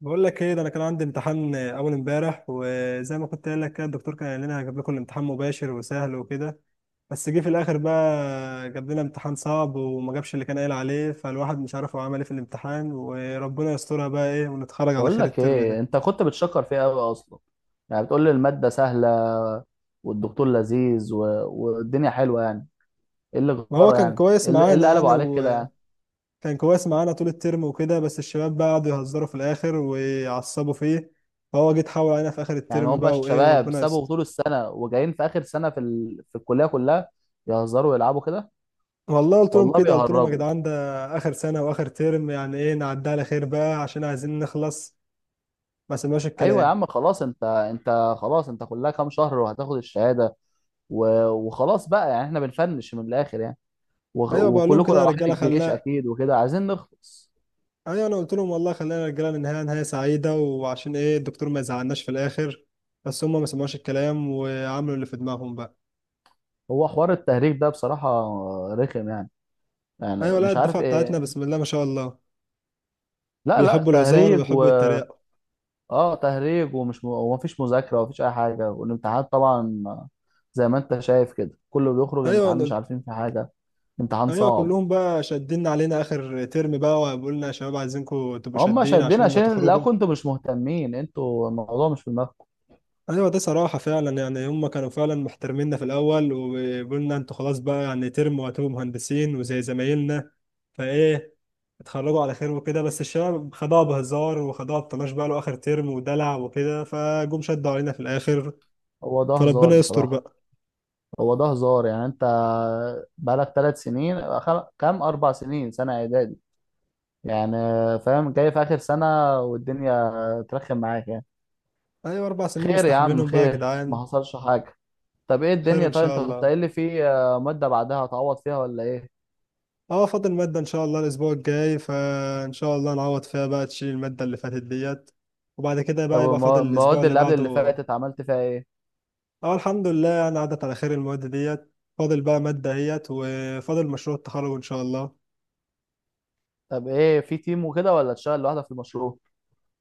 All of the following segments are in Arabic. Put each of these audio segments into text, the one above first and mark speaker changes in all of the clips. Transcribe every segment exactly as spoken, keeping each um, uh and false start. Speaker 1: بقول لك ايه؟ ده انا كان عندي امتحان اول امبارح، وزي ما كنت قايل لك كده الدكتور كان قال لنا هجيب لكم الامتحان مباشر وسهل وكده. بس جه في الاخر بقى جاب لنا امتحان صعب، وما جابش اللي كان قايل عليه، فالواحد مش عارف هو عمل ايه في الامتحان، وربنا يسترها بقى ايه ونتخرج على
Speaker 2: بقول
Speaker 1: خير
Speaker 2: لك
Speaker 1: الترم
Speaker 2: ايه،
Speaker 1: ده.
Speaker 2: انت كنت بتشكر فيها قوي اصلا. يعني بتقول لي الماده سهله والدكتور لذيذ و... والدنيا حلوه يعني. ايه اللي
Speaker 1: ما هو
Speaker 2: غيره؟
Speaker 1: كان
Speaker 2: يعني
Speaker 1: كويس
Speaker 2: ايه اللي إيه اللي
Speaker 1: معانا
Speaker 2: قلبوا
Speaker 1: يعني،
Speaker 2: عليك كده
Speaker 1: وكان
Speaker 2: يعني؟
Speaker 1: كويس معانا طول الترم وكده، بس الشباب بقى قعدوا يهزروا في الاخر ويعصبوا فيه، فهو جه اتحول علينا في اخر
Speaker 2: يعني
Speaker 1: الترم
Speaker 2: هم
Speaker 1: بقى وايه،
Speaker 2: الشباب
Speaker 1: وربنا
Speaker 2: سابوا
Speaker 1: يستر.
Speaker 2: طول السنه وجايين في اخر سنه في ال... في الكليه كلها يهزروا ويلعبوا كده.
Speaker 1: والله قلت لهم
Speaker 2: والله
Speaker 1: كده، قلت لهم يا
Speaker 2: بيهرجوا.
Speaker 1: جدعان ده اخر سنه واخر ترم، يعني ايه نعدي على خير بقى عشان عايزين نخلص. ما سمعوش
Speaker 2: ايوه يا
Speaker 1: الكلام.
Speaker 2: عم، خلاص، انت انت خلاص، انت كلها كام شهر وهتاخد الشهاده. و... وخلاص بقى، يعني احنا بنفنش من الاخر يعني. وغ...
Speaker 1: ايوه بقول لهم
Speaker 2: وكلكم
Speaker 1: كده يا
Speaker 2: رايحين
Speaker 1: رجاله
Speaker 2: الجيش
Speaker 1: خلاق.
Speaker 2: اكيد وكده، عايزين نخلص.
Speaker 1: ايوه انا قلت لهم والله خلينا يا رجاله ننهيها نهايه سعيده، وعشان ايه الدكتور ما يزعلناش في الاخر. بس هم ما سمعوش الكلام وعملوا اللي في دماغهم بقى.
Speaker 2: هو حوار التهريج ده بصراحة رخم يعني. يعني
Speaker 1: ايوه لا،
Speaker 2: مش عارف
Speaker 1: الدفعه بتاعتنا
Speaker 2: ايه.
Speaker 1: بسم الله ما شاء الله
Speaker 2: لا لا،
Speaker 1: بيحبوا الهزار
Speaker 2: تهريج و...
Speaker 1: ويحبوا يتريقوا.
Speaker 2: اه تهريج، ومش م... ومفيش مذاكرة ومفيش أي حاجة، والامتحانات طبعا زي ما أنت شايف كده كله بيخرج
Speaker 1: ايوه
Speaker 2: الامتحان
Speaker 1: أنا
Speaker 2: مش
Speaker 1: قلت-
Speaker 2: عارفين في حاجة. امتحان
Speaker 1: ايوه
Speaker 2: صعب.
Speaker 1: كلهم بقى شادين علينا اخر ترم بقى، وبيقولنا يا شباب عايزينكم تبقوا
Speaker 2: هم
Speaker 1: شادين
Speaker 2: شادين
Speaker 1: عشان هم
Speaker 2: عشان، لا،
Speaker 1: تخرجوا.
Speaker 2: كنتوا مش مهتمين انتوا، الموضوع مش في دماغكم.
Speaker 1: ايوه ده صراحه فعلا، يعني هم كانوا فعلا محترميننا في الاول، وقلنا انتوا خلاص بقى يعني ترم وهتبقوا مهندسين وزي زمايلنا، فايه اتخرجوا على خير وكده. بس الشباب خدوها بهزار وخدوها بطناش بقى له اخر ترم ودلع وكده، فجم شدوا علينا في الاخر،
Speaker 2: هو ده هزار
Speaker 1: فربنا يستر
Speaker 2: بصراحة.
Speaker 1: بقى.
Speaker 2: هو ده هزار يعني. انت بقالك ثلاث سنين خل- كام اربع سنين، سنة اعدادي يعني، فاهم، جاي في اخر سنة والدنيا ترخم معاك يعني.
Speaker 1: ايوه اربع سنين
Speaker 2: خير يا عم،
Speaker 1: مستحملينهم بقى يا
Speaker 2: خير،
Speaker 1: جدعان.
Speaker 2: ما حصلش حاجة. طب ايه
Speaker 1: خير
Speaker 2: الدنيا؟
Speaker 1: ان
Speaker 2: طيب
Speaker 1: شاء
Speaker 2: انت كنت
Speaker 1: الله.
Speaker 2: قايل لي في آه، مادة بعدها هتعوض فيها، ولا ايه؟
Speaker 1: اه فاضل ماده ان شاء الله الاسبوع الجاي، فان شاء الله نعوض فيها بقى تشيل الماده اللي فاتت ديت. وبعد كده
Speaker 2: طب
Speaker 1: بقى يبقى
Speaker 2: المو-
Speaker 1: فاضل الاسبوع
Speaker 2: المواد
Speaker 1: اللي
Speaker 2: اللي قبل اللي
Speaker 1: بعده.
Speaker 2: فاتت عملت فيها ايه؟
Speaker 1: اه الحمد لله، يعني عدت على خير المواد ديت، فاضل بقى مادة اهيت، وفاضل مشروع التخرج ان شاء الله.
Speaker 2: طب ايه، في تيم وكده ولا تشتغل لوحدك في المشروع؟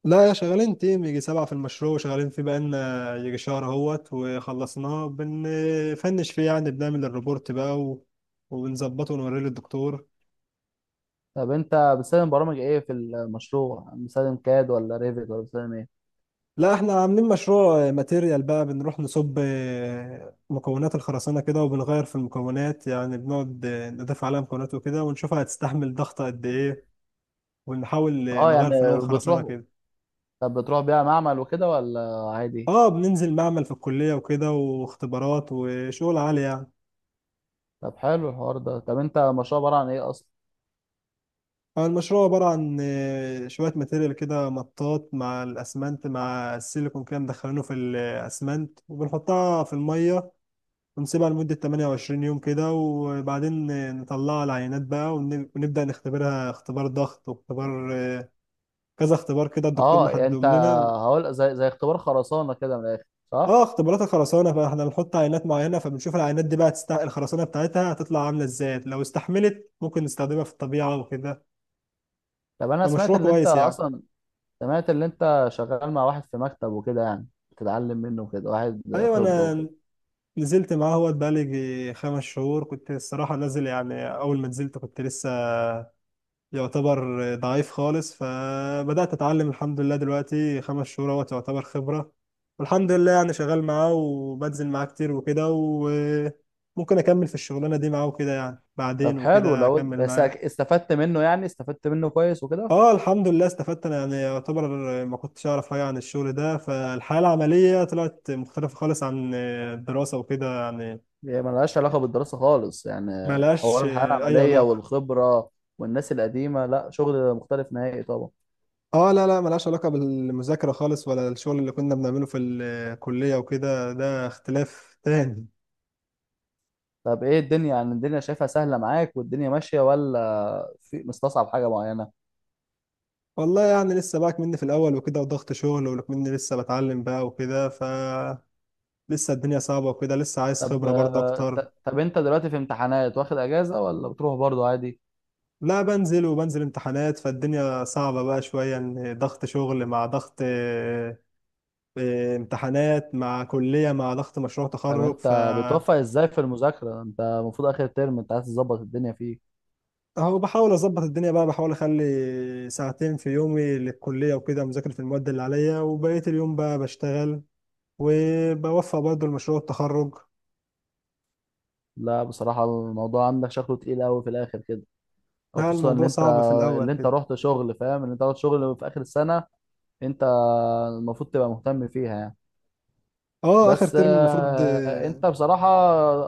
Speaker 1: لا يا، شغالين تيم يجي سبعة في المشروع، وشغالين فيه بقالنا يجي شهر اهوت وخلصناه، بنفنش فيه يعني، بنعمل الريبورت بقى و... وبنظبطه ونوريه للدكتور.
Speaker 2: طب انت بتستخدم برامج ايه في المشروع؟ بتستخدم كاد ولا ريفيت ولا بتستخدم ايه؟
Speaker 1: لا احنا عاملين مشروع ماتيريال بقى، بنروح نصب مكونات الخرسانة كده وبنغير في المكونات، يعني بنقعد نضيف عليها مكونات وكده ونشوفها هتستحمل ضغط قد ايه، ونحاول
Speaker 2: اه يعني.
Speaker 1: نغير في نوع الخرسانة
Speaker 2: بتروح
Speaker 1: كده.
Speaker 2: طب بتروح بيها معمل وكده ولا عادي؟
Speaker 1: اه بننزل معمل في الكلية وكده، واختبارات وشغل عالي يعني.
Speaker 2: طب حلو الحوار ده. طب انت المشروع عبارة عن ايه اصلا؟
Speaker 1: آه، المشروع عبارة عن آه، شوية ماتيريال كده، مطاط مع الأسمنت مع السيليكون كده، مدخلينه في الأسمنت وبنحطها في المية، ونسيبها لمدة ثمانية وعشرين يوم كده، وبعدين آه، نطلعها العينات بقى، ونب- ونبدأ نختبرها اختبار ضغط واختبار آه، كذا اختبار كده الدكتور
Speaker 2: اه يعني انت،
Speaker 1: محددهم لنا.
Speaker 2: هقول زي زي اختبار خرسانة كده من الاخر، صح؟
Speaker 1: اه اختبارات الخرسانه، فاحنا بنحط عينات معينه، فبنشوف العينات دي بقى تست... الخرسانه بتاعتها هتطلع عامله ازاي، لو استحملت ممكن نستخدمها في الطبيعه وكده،
Speaker 2: طب انا سمعت
Speaker 1: فمشروع
Speaker 2: ان انت
Speaker 1: كويس يعني.
Speaker 2: اصلا، سمعت اللي انت شغال مع واحد في مكتب وكده، يعني بتتعلم منه وكده، واحد
Speaker 1: ايوه
Speaker 2: خبرة وكده.
Speaker 1: انا نزلت معاه، هو بقالي يجي خمس شهور، كنت الصراحه نازل، يعني اول ما نزلت كنت لسه يعتبر ضعيف خالص، فبدات اتعلم الحمد لله، دلوقتي خمس شهور اهوت يعتبر خبره، والحمد لله يعني شغال معاه وبنزل معاه كتير وكده، و ممكن اكمل في الشغلانه دي معاه وكده يعني،
Speaker 2: طب
Speaker 1: بعدين
Speaker 2: حلو
Speaker 1: وكده
Speaker 2: لو
Speaker 1: اكمل
Speaker 2: بس
Speaker 1: معاه.
Speaker 2: استفدت منه، يعني استفدت منه كويس وكده.
Speaker 1: اه الحمد لله استفدت انا يعني، يعتبر ما كنتش اعرف حاجه عن الشغل ده، فالحياه العمليه طلعت مختلفه خالص عن الدراسه وكده يعني.
Speaker 2: هي ملهاش علاقة بالدراسة خالص يعني.
Speaker 1: ما
Speaker 2: حوار
Speaker 1: لهاش
Speaker 2: الحياة
Speaker 1: اي
Speaker 2: العملية
Speaker 1: علاقه.
Speaker 2: والخبرة والناس القديمة، لا، شغل مختلف نهائي طبعا.
Speaker 1: اه لا لا، ما لهاش علاقه بالمذاكره خالص، ولا الشغل اللي كنا بنعمله في الكليه وكده، ده اختلاف تاني.
Speaker 2: طب ايه الدنيا؟ يعني الدنيا شايفها سهلة معاك والدنيا ماشية، ولا في مستصعب حاجة معينة؟
Speaker 1: والله يعني لسه بقى مني في الاول وكده، وضغط شغل، ومني لسه بتعلم بقى وكده، ف لسه الدنيا صعبه وكده، لسه عايز
Speaker 2: طب
Speaker 1: خبره برضه
Speaker 2: آه،
Speaker 1: اكتر.
Speaker 2: ت- طب انت دلوقتي في امتحانات، واخد اجازة ولا بتروح برضو عادي؟
Speaker 1: لا بنزل، وبنزل امتحانات، فالدنيا صعبة بقى شوية، ان ضغط شغل مع ضغط آه، آه، امتحانات مع كلية مع ضغط مشروع
Speaker 2: طب
Speaker 1: تخرج، ف
Speaker 2: انت بتوفق ازاي في المذاكرة؟ انت المفروض اخر ترم انت عايز تظبط الدنيا فيه.
Speaker 1: اهو بحاول اظبط الدنيا بقى، بحاول اخلي ساعتين في يومي للكلية وكده مذاكرة في المواد اللي عليا، وبقية اليوم بقى بشتغل، وبوفق برضه لمشروع التخرج.
Speaker 2: لا بصراحة الموضوع عندك شكله تقيل قوي في الاخر كده. او
Speaker 1: لا
Speaker 2: خصوصا اللي
Speaker 1: الموضوع
Speaker 2: انت
Speaker 1: صعب في الاول
Speaker 2: اللي انت
Speaker 1: كده.
Speaker 2: رحت شغل، فاهم، اللي انت رحت شغل في اخر السنة، انت المفروض تبقى مهتم فيها يعني.
Speaker 1: اه اخر
Speaker 2: بس
Speaker 1: ترم المفروض
Speaker 2: آه،
Speaker 1: اه.
Speaker 2: انت بصراحة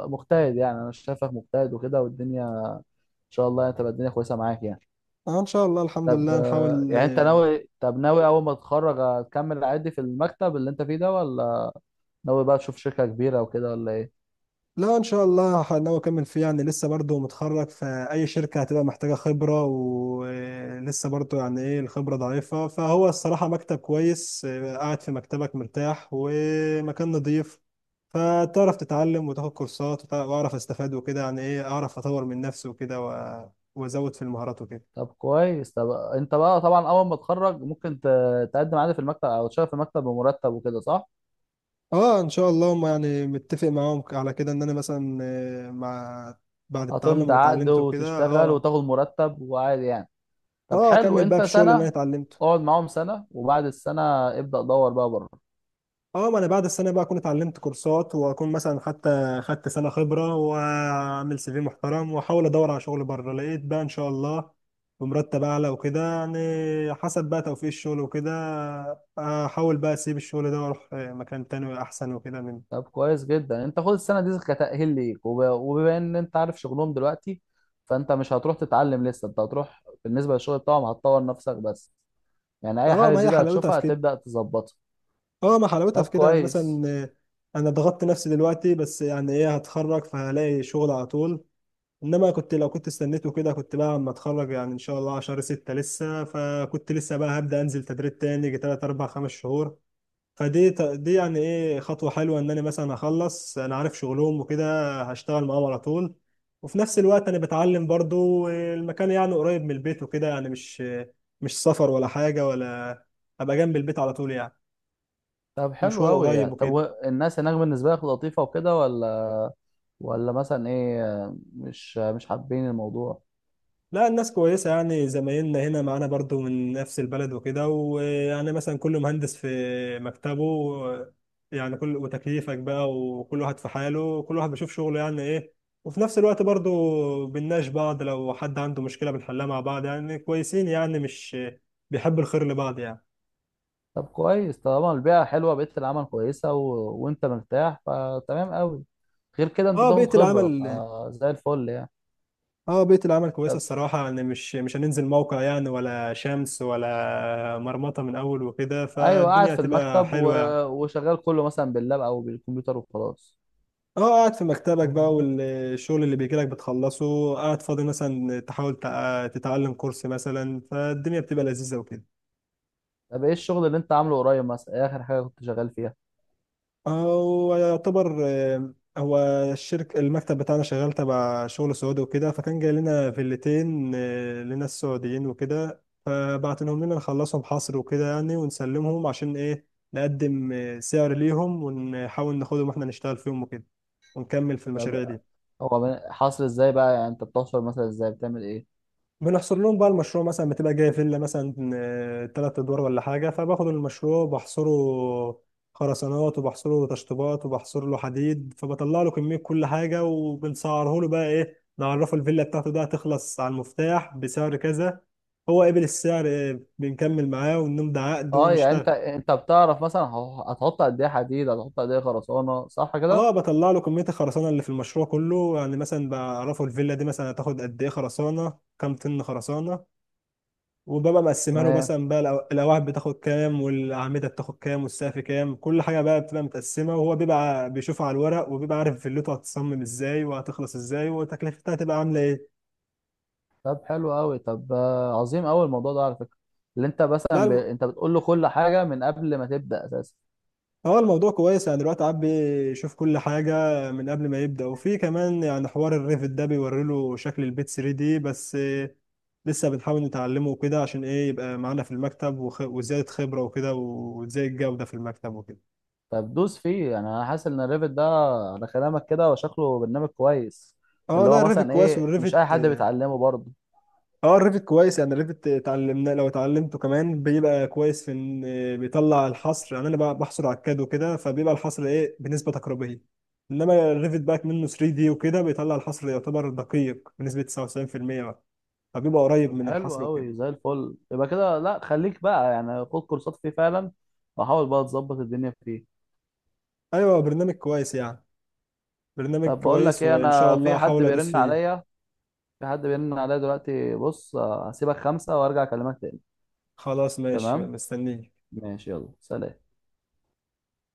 Speaker 2: مجتهد، يعني انا شايفك مجتهد وكده، والدنيا ان شاء الله يعني تبقى الدنيا كويسة معاك يعني.
Speaker 1: آه، ان شاء الله الحمد
Speaker 2: طب
Speaker 1: لله،
Speaker 2: آه،
Speaker 1: نحاول
Speaker 2: يعني انت
Speaker 1: آه،
Speaker 2: ناوي طب ناوي اول ما تتخرج هتكمل عادي في المكتب اللي انت فيه ده، ولا ناوي بقى تشوف شركة كبيرة وكده، ولا ايه؟
Speaker 1: لا ان شاء الله ناوي اكمل فيه، يعني لسه برضه متخرج، فاي شركه هتبقى محتاجه خبره، ولسه برضه يعني ايه الخبره ضعيفه، فهو الصراحه مكتب كويس، آه، قاعد في مكتبك مرتاح ومكان نظيف، فتعرف تتعلم وتاخد كورسات، وتع- واعرف استفاد وكده، يعني ايه اعرف اطور من نفسي وكده و- وازود في المهارات وكده.
Speaker 2: طب كويس. طب انت بقى طبعا اول ما تتخرج ممكن ت- تقدم عادي في المكتب او تشتغل في المكتب بمرتب وكده، صح؟
Speaker 1: اه ان شاء الله، هم يعني متفق معاهم على كده، ان انا مثلا آه، مع بعد التعلم
Speaker 2: هتمضي
Speaker 1: اللي
Speaker 2: عقد
Speaker 1: اتعلمته كده
Speaker 2: وتشتغل
Speaker 1: اه.
Speaker 2: وتاخد مرتب وعادي يعني. طب
Speaker 1: اه
Speaker 2: حلو.
Speaker 1: اكمل بقى
Speaker 2: انت
Speaker 1: بالشغل اللي انا
Speaker 2: سنة،
Speaker 1: اتعلمته.
Speaker 2: اقعد معاهم سنة وبعد السنة ابدأ دور بقى بره.
Speaker 1: اه ما انا بعد السنه بقى اكون اتعلمت كورسات، واكون مثلا حتى خدت سنه خبره، واعمل سي في محترم، واحاول ادور على شغل بره، لقيت بقى ان شاء الله بمرتب اعلى وكده يعني. حسب بقى توفيق الشغل وكده، احاول بقى اسيب الشغل ده واروح مكان تاني احسن وكده من
Speaker 2: طب كويس جدا. انت خد السنة دي كتأهيل ليك، وب- وبما ان انت عارف شغلهم دلوقتي، فانت مش هتروح تتعلم لسه، انت هتروح بالنسبة للشغل بتاعهم هتطور نفسك بس، يعني اي
Speaker 1: اه.
Speaker 2: حاجة
Speaker 1: ما هي
Speaker 2: جديدة
Speaker 1: حلاوتها في
Speaker 2: هتشوفها
Speaker 1: كده.
Speaker 2: هتبدأ تظبطها.
Speaker 1: اه ما حلاوتها
Speaker 2: طب
Speaker 1: في كده، يعني
Speaker 2: كويس.
Speaker 1: مثلا انا ضغطت نفسي دلوقتي، بس يعني ايه هتخرج فهلاقي شغل على طول، انما كنت لو كنت استنيته كده، كنت بقى اما اتخرج يعني ان شاء الله على شهر ستة لسه، فكنت لسه بقى هبدأ انزل تدريب تاني يجي تلات اربع خمس شهور. فدي ت- دي يعني ايه خطوة حلوة، ان انا مثلا اخلص انا عارف شغلهم وكده، هشتغل معاهم على طول، وفي نفس الوقت انا بتعلم برضو. المكان يعني قريب من البيت وكده، يعني مش مش سفر ولا حاجة ولا، ابقى جنب البيت على طول يعني،
Speaker 2: طب حلو
Speaker 1: مشوار
Speaker 2: قوي
Speaker 1: قريب
Speaker 2: يعني. طب
Speaker 1: وكده.
Speaker 2: والناس هناك بالنسبة لك لطيفة وكده، ولا، ولا مثلا ايه، مش مش حابين الموضوع؟
Speaker 1: لا الناس كويسة يعني، زمايلنا هنا معانا برضو من نفس البلد وكده، ويعني مثلا كل مهندس في مكتبه، يعني كل وتكييفك بقى، وكل واحد في حاله، كل واحد بيشوف شغله يعني ايه، وفي نفس الوقت برضو بنناقش بعض، لو حد عنده مشكلة بنحلها مع بعض، يعني كويسين، يعني مش بيحب الخير لبعض يعني.
Speaker 2: طب كويس طالما البيئة حلوة، بيئة العمل كويسة و... وانت مرتاح، فتمام قوي. غير كده انت
Speaker 1: اه
Speaker 2: تاخد
Speaker 1: بيئة
Speaker 2: خبرة
Speaker 1: العمل،
Speaker 2: فزي الفل يعني.
Speaker 1: اه بيئة العمل كويسة
Speaker 2: طب
Speaker 1: الصراحة يعني، مش مش هننزل موقع يعني، ولا شمس ولا مرمطة من أول وكده،
Speaker 2: ايوه، قاعد
Speaker 1: فالدنيا
Speaker 2: في
Speaker 1: هتبقى
Speaker 2: المكتب و...
Speaker 1: حلوة يعني.
Speaker 2: وشغال كله مثلا باللاب او بالكمبيوتر وخلاص.
Speaker 1: اه قاعد في مكتبك بقى، والشغل اللي بيجيلك بتخلصه، قاعد فاضي مثلا تحاول تع- تتعلم كورس مثلا، فالدنيا بتبقى لذيذة وكده.
Speaker 2: طب ايه الشغل اللي انت عامله قريب؟ مثلا ايه اخر حاجة كنت شغال فيها؟
Speaker 1: هو يعتبر آه، هو الشركة المكتب بتاعنا شغال تبع شغل سعودي وكده، فكان جاي لنا فيلتين آه، لناس سعوديين وكده، فبعتنهم لنا نخلصهم حصر وكده يعني ونسلمهم، عشان ايه نقدم آه، سعر ليهم ونحاول ناخدهم واحنا نشتغل فيهم وكده، ونكمل في
Speaker 2: طب
Speaker 1: المشاريع دي.
Speaker 2: هو من- حاصل ازاي بقى؟ يعني انت بتحصل مثلا ازاي؟ بتعمل ايه؟
Speaker 1: بنحصر لهم بقى المشروع، مثلا بتبقى جايه فيلا مثلا ثلاث ادوار ولا حاجه، فباخد المشروع بحصره خرسانات، وبحصره تشطيبات، وبحصر له حديد، فبطلع له كميه كل حاجه، وبنسعره له بقى ايه، نعرفه الفيلا بتاعته ده هتخلص على المفتاح بسعر كذا، هو قبل السعر إيه، بنكمل معاه ونمضي عقد
Speaker 2: اه يعني انت
Speaker 1: ونشتغل.
Speaker 2: انت بتعرف مثلا هو- هتحط قد ايه حديد، هتحط قد ايه خرسانه، صح كده؟
Speaker 1: اه بطلع له كميه الخرسانه اللي في المشروع كله، يعني مثلا بعرفه الفيلا دي مثلا هتاخد قد ايه خرسانه، كام طن خرسانه، وبابا مقسمها له
Speaker 2: تمام.
Speaker 1: مثلا بقى، الأو- الأواعي بتاخد كام، والأعمدة بتاخد كام، والسقف كام، كل حاجة بقى بتبقى متقسمة، وهو بيبقى بيشوفها على الورق، وبيبقى عارف فيلته هتصمم ازاي وهتخلص ازاي، وتكلفتها هتبقى عاملة ايه.
Speaker 2: طب حلو قوي. طب آه، عظيم قوي الموضوع ده على فكره. اللي انت مثلا
Speaker 1: لا
Speaker 2: ب...
Speaker 1: الم...
Speaker 2: انت بتقول له كل حاجه من قبل ما تبدا اساسا.
Speaker 1: هو الموضوع كويس يعني، دلوقتي عاد بيشوف كل حاجة من قبل ما يبدأ، وفي كمان يعني حوار الريفت ده بيوري له شكل البيت ثري دي بس، لسه بنحاول نتعلمه وكده، عشان ايه يبقى معانا في المكتب، وخ... وزيادة خبرة وكده، وزي الجودة في المكتب وكده.
Speaker 2: طب دوس فيه يعني. انا حاسس ان الريفت ده، على كلامك كده، وشكله برنامج كويس.
Speaker 1: اه
Speaker 2: اللي
Speaker 1: لا
Speaker 2: هو
Speaker 1: الريفت
Speaker 2: مثلا
Speaker 1: كويس،
Speaker 2: ايه، مش اي
Speaker 1: والريفت،
Speaker 2: حد بيتعلمه برضه.
Speaker 1: اه الريفت كويس يعني، الريفت اتعلمنا، لو اتعلمته كمان بيبقى كويس، في ان بيطلع الحصر، يعني انا بقى بحصر على الكاد وكده، فبيبقى الحصر ايه بنسبه تقريبيه، انما الريفت بقى منه ثري دي وكده، بيطلع الحصر يعتبر دقيق بنسبه تسعة وتسعين في المية بقى، فبيبقى قريب
Speaker 2: طب
Speaker 1: من
Speaker 2: حلو
Speaker 1: الحصر وكده.
Speaker 2: قوي زي الفل. يبقى كده لا، خليك بقى يعني، خد كورسات فيه فعلا وحاول بقى تظبط الدنيا فيه.
Speaker 1: ايوه برنامج كويس يعني، برنامج
Speaker 2: طب بقول لك
Speaker 1: كويس
Speaker 2: ايه،
Speaker 1: وان شاء
Speaker 2: انا في
Speaker 1: الله
Speaker 2: حد
Speaker 1: هحاول ادوس
Speaker 2: بيرن
Speaker 1: فيه.
Speaker 2: عليا، في حد بيرن عليا دلوقتي. بص آه، هسيبك خمسة وارجع اكلمك تاني.
Speaker 1: خلاص ماشي
Speaker 2: تمام.
Speaker 1: مستنيه.
Speaker 2: ماشي، يلا سلام.